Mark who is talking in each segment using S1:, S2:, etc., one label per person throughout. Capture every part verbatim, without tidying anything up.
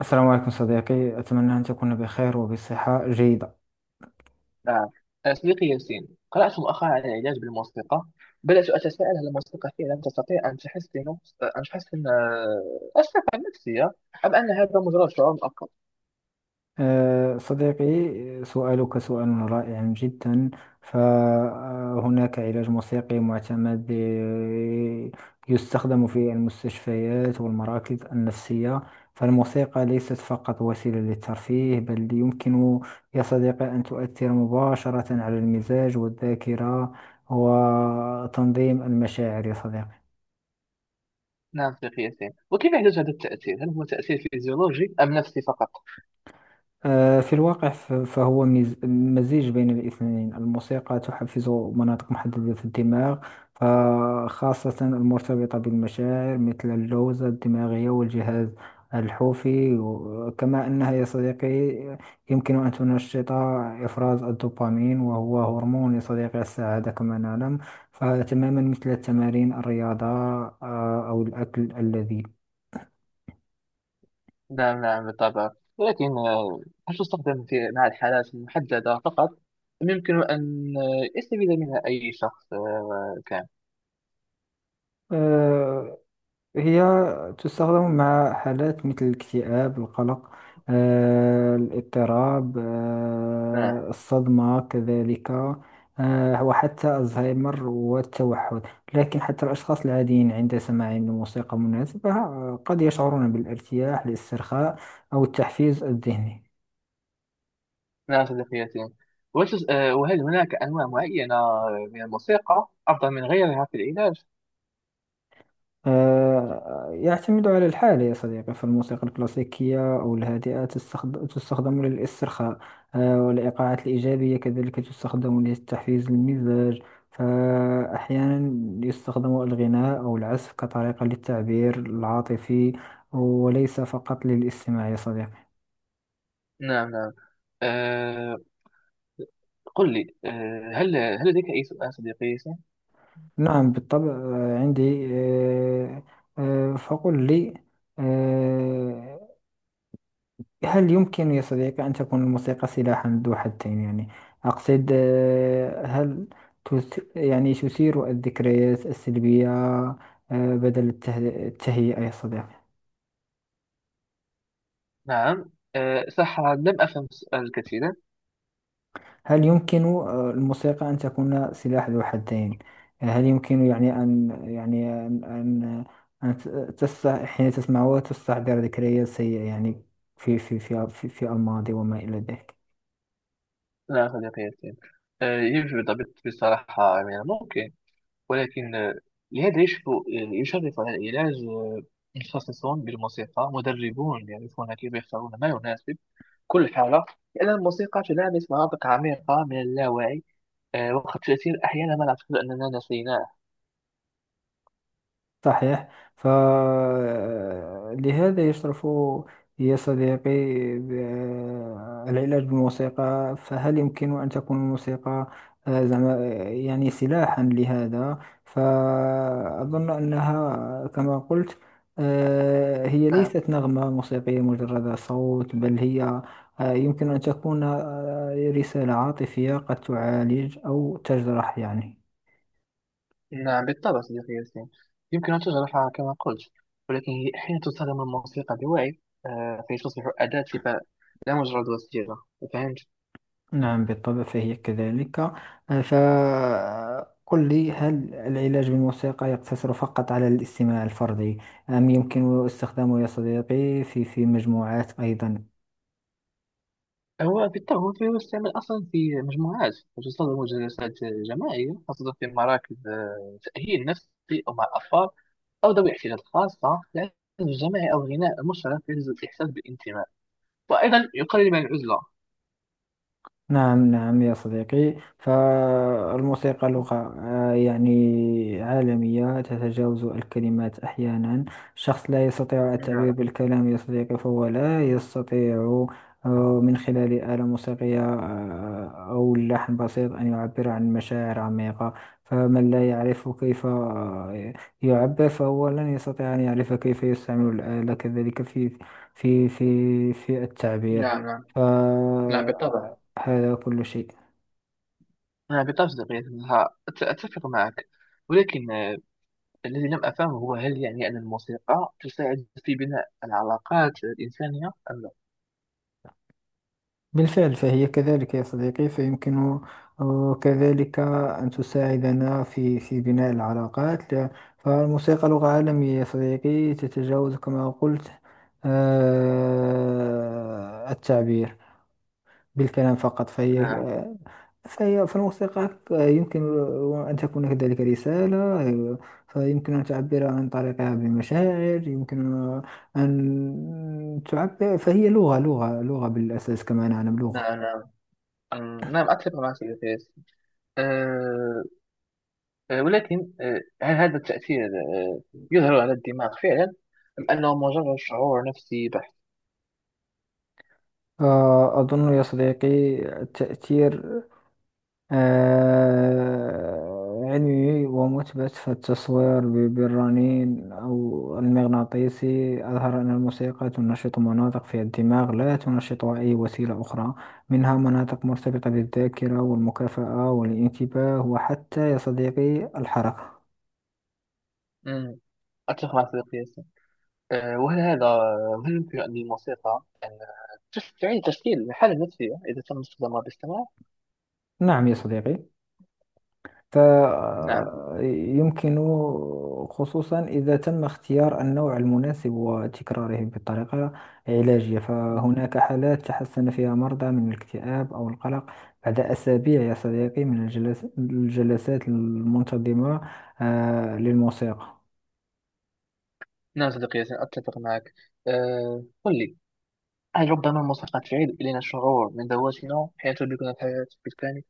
S1: السلام عليكم صديقي، أتمنى أن تكون بخير وبصحة جيدة.
S2: نعم، أنا صديقي ياسين. قرأت مؤخرا عن العلاج بالموسيقى. بدأت أتساءل: هل الموسيقى فعلا تستطيع أن تحسن أن تحسن آه، الصحة النفسية، أم أن هذا مجرد شعور مؤقت؟
S1: أه، صديقي، سؤالك سؤال رائع جدا. فهناك علاج موسيقي معتمد أه، يستخدم في المستشفيات والمراكز النفسية. فالموسيقى ليست فقط وسيلة للترفيه، بل يمكن يا صديقي أن تؤثر مباشرة على المزاج والذاكرة وتنظيم المشاعر يا صديقي.
S2: نعم صديقي ياسين، وكيف يحدث هذا التأثير؟ هل هو تأثير فيزيولوجي أم نفسي فقط؟
S1: آه، في الواقع ف- فهو مز- مزيج بين الاثنين. الموسيقى تحفز مناطق محددة في الدماغ، فخاصة المرتبطة بالمشاعر مثل اللوزة الدماغية والجهاز الحوفي. و- كما أنها يا صديقي يمكن أن تنشط إفراز الدوبامين، وهو هرمون يا صديقي السعادة كما نعلم. فتماما مثل التمارين الرياضة، آه، أو الأكل اللذيذ.
S2: نعم نعم، بالطبع، ولكن آه، هل تستخدم في مع الحالات المحددة فقط؟ أم يمكن أن آه، يستفيد منها أي شخص آه، كان؟
S1: هي تستخدم مع حالات مثل الاكتئاب، القلق، آه، الاضطراب، آه،
S2: نعم
S1: الصدمة كذلك، آه، وحتى الزهايمر والتوحد. لكن حتى الأشخاص العاديين عند سماعهم لموسيقى مناسبة آه، قد يشعرون بالارتياح، الاسترخاء، أو التحفيز الذهني.
S2: نعم صديقيتي. وتس... آه، وهل هناك أنواع معينة من الموسيقى أفضل من غيرها في العلاج؟
S1: آه، يعتمد على الحالة يا صديقي. فالموسيقى الكلاسيكية أو الهادئة تستخد- تستخدم للاسترخاء، آه، والإيقاعات الإيجابية كذلك تستخدم لتحفيز المزاج. فأحيانا يستخدم الغناء أو العزف كطريقة للتعبير العاطفي، وليس فقط للاستماع يا صديقي.
S2: نعم نعم. أه... قل لي، أه... هل هل لديك أي سؤال صديقيتي؟
S1: نعم بالطبع، آه، عندي آه، آه، فقل لي، آه، هل يمكن يا صديقي أن تكون الموسيقى سلاحا ذو حدين؟ يعني أقصد، آه، هل تث... يعني تثير الذكريات السلبية آه، بدل الته... التهيئة يا صديقي؟
S2: نعم. أه... صح، لم أفهم السؤال كثيرا.
S1: هل يمكن آه، الموسيقى أن تكون سلاح ذو حدين؟ آه، هل يمكن يعني أن يعني أن أن أن ت- تست... حين تسمعه تستحضر ذكريات سيئة يعني في في في في, في الماضي وما إلى ذلك.
S2: نعم صديقيتي. أه... يجب الضبط بصراحة، من الممكن، ولكن آه، لهذا يشرف يشرف على العلاج آه، متخصصون بالموسيقى مدربون يعرفون كيف يختارون ما يناسب كل حالة، لأن الموسيقى تلامس مناطق عميقة من اللاوعي، آه، وقد تأثير أحيانا ما نعتقد أننا نسيناه.
S1: صحيح، فلهذا يشرف يا صديقي آه، العلاج بالموسيقى. فهل يمكن أن تكون الموسيقى آه، زعما آه، يعني سلاحا لهذا؟ فأظن أنها كما قلت، آه، هي
S2: نعم
S1: ليست نغمة موسيقية مجرد صوت، بل هي آه، يمكن أن تكون آه، رسالة عاطفية قد تعالج أو تجرح يعني.
S2: نعم، بالطبع صديقي ياسين. يمكن أن تجرحها كما قلت، ولكن هي أحيانا تستخدم الموسيقى بوعي، آه، فتصبح أداة شفاء، لا مجرد وسيلة. فهمت؟
S1: نعم بالطبع فهي كذلك. آه، فقل لي، هل العلاج بالموسيقى يقتصر فقط على الاستماع الفردي، أم يمكن استخدامه يا صديقي في في مجموعات أيضا؟
S2: هو بالطبع، فهو يستعمل أصلا في مجموعات، وتستخدم جلسات جماعية خاصة في مراكز آه، تأهيل نفسي، أو مع الأطفال، أو ذوي احتياجات خاصة، لأن الجماعي أو الغناء المشترك يجلب الإحساس بالانتماء، وأيضا يقلل من العزلة.
S1: نعم نعم يا صديقي، فالموسيقى لغة آه، يعني عالمية تتجاوز الكلمات أحيانا. الشخص لا يستطيع التعبير
S2: نعم
S1: بالكلام يا صديقي، فهو لا يستطيع آه، من خلال آلة موسيقية آه، أو لحن بسيط أن يعبر عن مشاعر عميقة. فمن لا يعرف كيف آه، يعبر، فهو لن يستطيع أن يعرف كيف يستعمل الآلة كذلك في في في في التعبير.
S2: نعم نعم
S1: ف
S2: نعم، بالطبع.
S1: هذا كل شيء.
S2: أنا بالطبع صديقي أنها أت- أتفق معك، ولكن آه، الذي لم أفهمه هو: هل يعني أن الموسيقى تساعد في بناء العلاقات الإنسانية أم لا؟
S1: بالفعل فهي كذلك يا صديقي، فيمكن آه، كذلك أن تساعدنا في في بناء العلاقات. لا- فالموسيقى لغة عالمية يا صديقي، تتجاوز كما قلت آه، التعبير بالكلام فقط. فهي
S2: نعم
S1: فهي فالموسيقى يمكن أن تكون كذلك رسالة، فيمكن أن تعبر عن طريقها بمشاعر، يمكن أن تعبر. فهي لغة لغة لغة بالأساس كما نعلم، لغة.
S2: نعم نعم أم- نعم، أتفق معك يا فارس. أه آه، ولكن أه هل هذا التأثير أه يظهر على الدماغ فعلا، أم أنه مجرد شعور نفسي بحت؟
S1: آه، أظن يا صديقي التأثير آه، علمي ومثبت. فالتصوير ب- بالرنين أو المغناطيسي أظهر أن الموسيقى تنشط مناطق في الدماغ لا تنشطها أي وسيلة أخرى، منها مناطق مرتبطة بالذاكرة والمكافأة والانتباه وحتى يا صديقي الحركة.
S2: أمم. أتفق مع صديقي. آه، وهل هذا هل يمكن أن الموسيقى أن تس- تعيد تشكيل الحالة النفسية إذا تم استخدامها باستمرار؟
S1: نعم يا صديقي،
S2: نعم
S1: فيمكن خصوصا إذا تم اختيار النوع المناسب وتكراره بطريقة علاجية. فهناك حالات تحسن فيها مرضى من الاكتئاب أو القلق بعد أسابيع يا صديقي من الجلس- الجلسات المنتظمة آه، للموسيقى.
S2: نعم صديقي ياسين، أتفق معك. أه قل لي، هل ربما الموسيقى تعيد إلينا الشعور من ذواتنا حين تدركنا الحياة بالكامل؟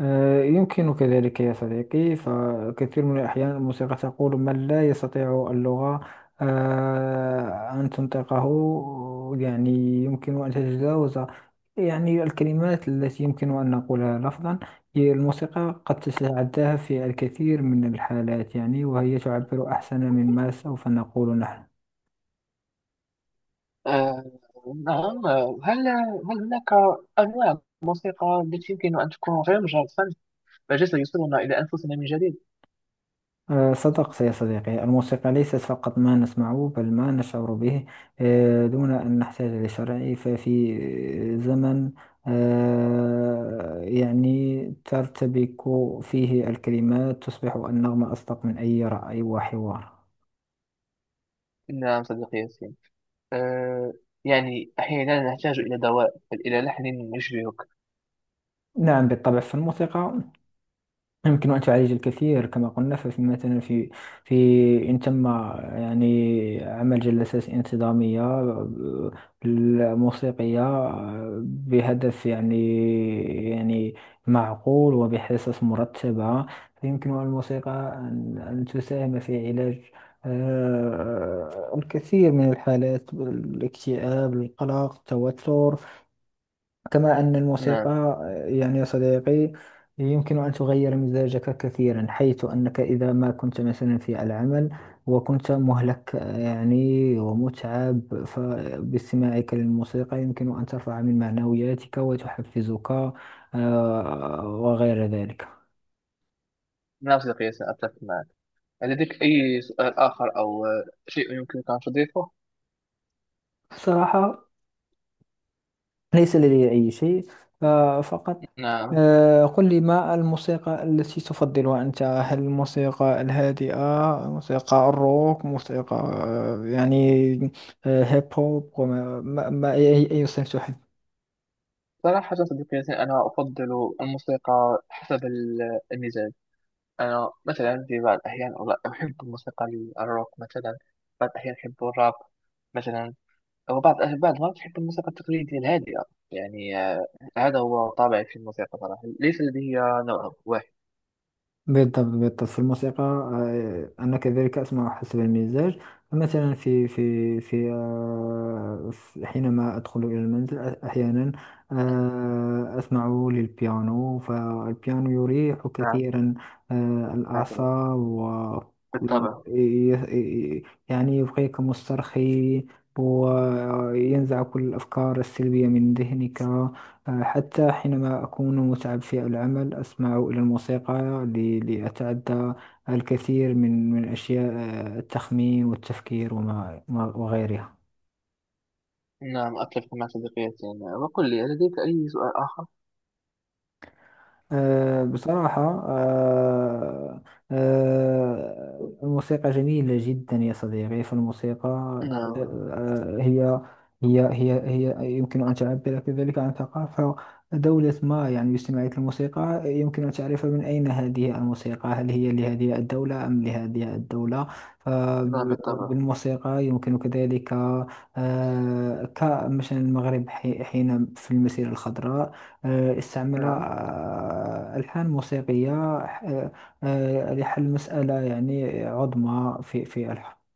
S1: آه، يمكنك ذلك يا صديقي، فكثير من الأحيان الموسيقى تقول من لا يستطيع اللغة آه، أن تنطقه، يعني يمكن أن تتجاوز يعني الكلمات التي يمكن أن نقولها لفظا. هي الموسيقى قد تتعداها في الكثير من الحالات يعني، وهي تعبر أحسن مما سوف نقول نحن.
S2: أه نعم، آه، هل هل هناك أنواع موسيقى التي يمكن أن تكون غير مجرد فن، بل سيوصلنا إلى أنفسنا من جديد؟
S1: آه، صدقت يا صديقي، الموسيقى ليست فقط ما نسمعه، بل ما نشعر به آه، دون أن نحتاج لشرع. ففي زمن آه، يعني ترتبك فيه الكلمات، تصبح النغمة أصدق من أي رأي وحوار.
S2: نعم صديقي ياسين. أه يعني أحيانا نحتاج إلى دواء بل إلى لحن يشبهك.
S1: نعم بالطبع، فالموسيقى يمكن أن تعالج الكثير كما قلنا. ففي مثلا في في إن تم يعني عمل جلسات انتظامية آه، موسيقية آه، بهدف يعني يعني معقول وبحصص مرتبة، فيمكن الموسيقى أن أن تساهم في علاج آه، الكثير من الحالات: الاكتئاب، القلق، التوتر. كما أن الموسيقى
S2: نعم
S1: يعني يا صديقي يمكن أن تغير مزاجك كثيرا، حيث أنك إذا ما كنت مثلا في العمل وكنت مهلك آه، يعني ومتعب، فباستماعك للموسيقى يمكن أن ترفع من معنوياتك وتحفزك آه، وغير ذلك.
S2: نعم صديقي، سأتفق معك. لديك أي سؤال آخر، أو آه، شيء يمكنك أن تضيفه؟
S1: صراحة ليس لدي أي شيء، آه، فقط
S2: نعم،
S1: آه، قل لي، ما الموسيقى التي تفضلها أنت؟ هل الموسيقى الهادئة، موسيقى الروك، موسيقى آه، يعني آه، هيب هوب؟ وما ما ما- أي أي صنف تحب؟
S2: صراحة صديقي، أنا أفضل الموسيقى حسب ال- المزاج. أنا مثلا في بعض الأحيان أغ- أحب الموسيقى ال- الروك مثلا. بعض الأحيان أحب الراب مثلا. وبعض بعض المرات أحب الموسيقى التقليدية الهادئة. يعني آه، هذا هو طابعي في الموسيقى صراحة. ليس لدي نوع واحد.
S1: بالضبط، بالضبط. في الموسيقى آه، أنا كذلك أسمع حسب المزاج. فمثلا في في في آه، في- حينما أدخل إلى المنزل، أ- أحيانا
S2: نعم
S1: آه، أسمع للبيانو، فالبيانو يريح
S2: نعم
S1: كثيرا آه،
S2: نعم،
S1: الأعصاب. و وال-
S2: بالطبع.
S1: ي- ي- يعني يبقيك مسترخي، وينزع كل الأفكار السلبية من ذهنك. حتى حينما أكون متعب في العمل أسمع إلى الموسيقى ل- لأتعدى الكثير من من أشياء آه، التخمين والتفكير وما ما- وغيرها.
S2: نعم، أتفق مع صديقي. وقل لي، لديك أي سؤال آخر؟
S1: أه بصراحة، أه، أه، الموسيقى جميلة جدا يا صديقي. فالموسيقى،
S2: نعم
S1: أه، هي هي هي هي يمكن أن تعبر كذلك عن ثقافة دولة ما. يعني باستماعية الموسيقى يمكن أن تعرف من أين هذه الموسيقى، هل هي لهذه الدولة أم لهذه الدولة.
S2: نعم بالطبع.
S1: فبالموسيقى يمكن كذلك، أه، كمثلا المغرب حي- حين في المسيرة الخضراء آه، استعمل
S2: نعم.
S1: آه، ألحان موسيقية آه، آه، لحل مسألة يعني عظمى في في الحرب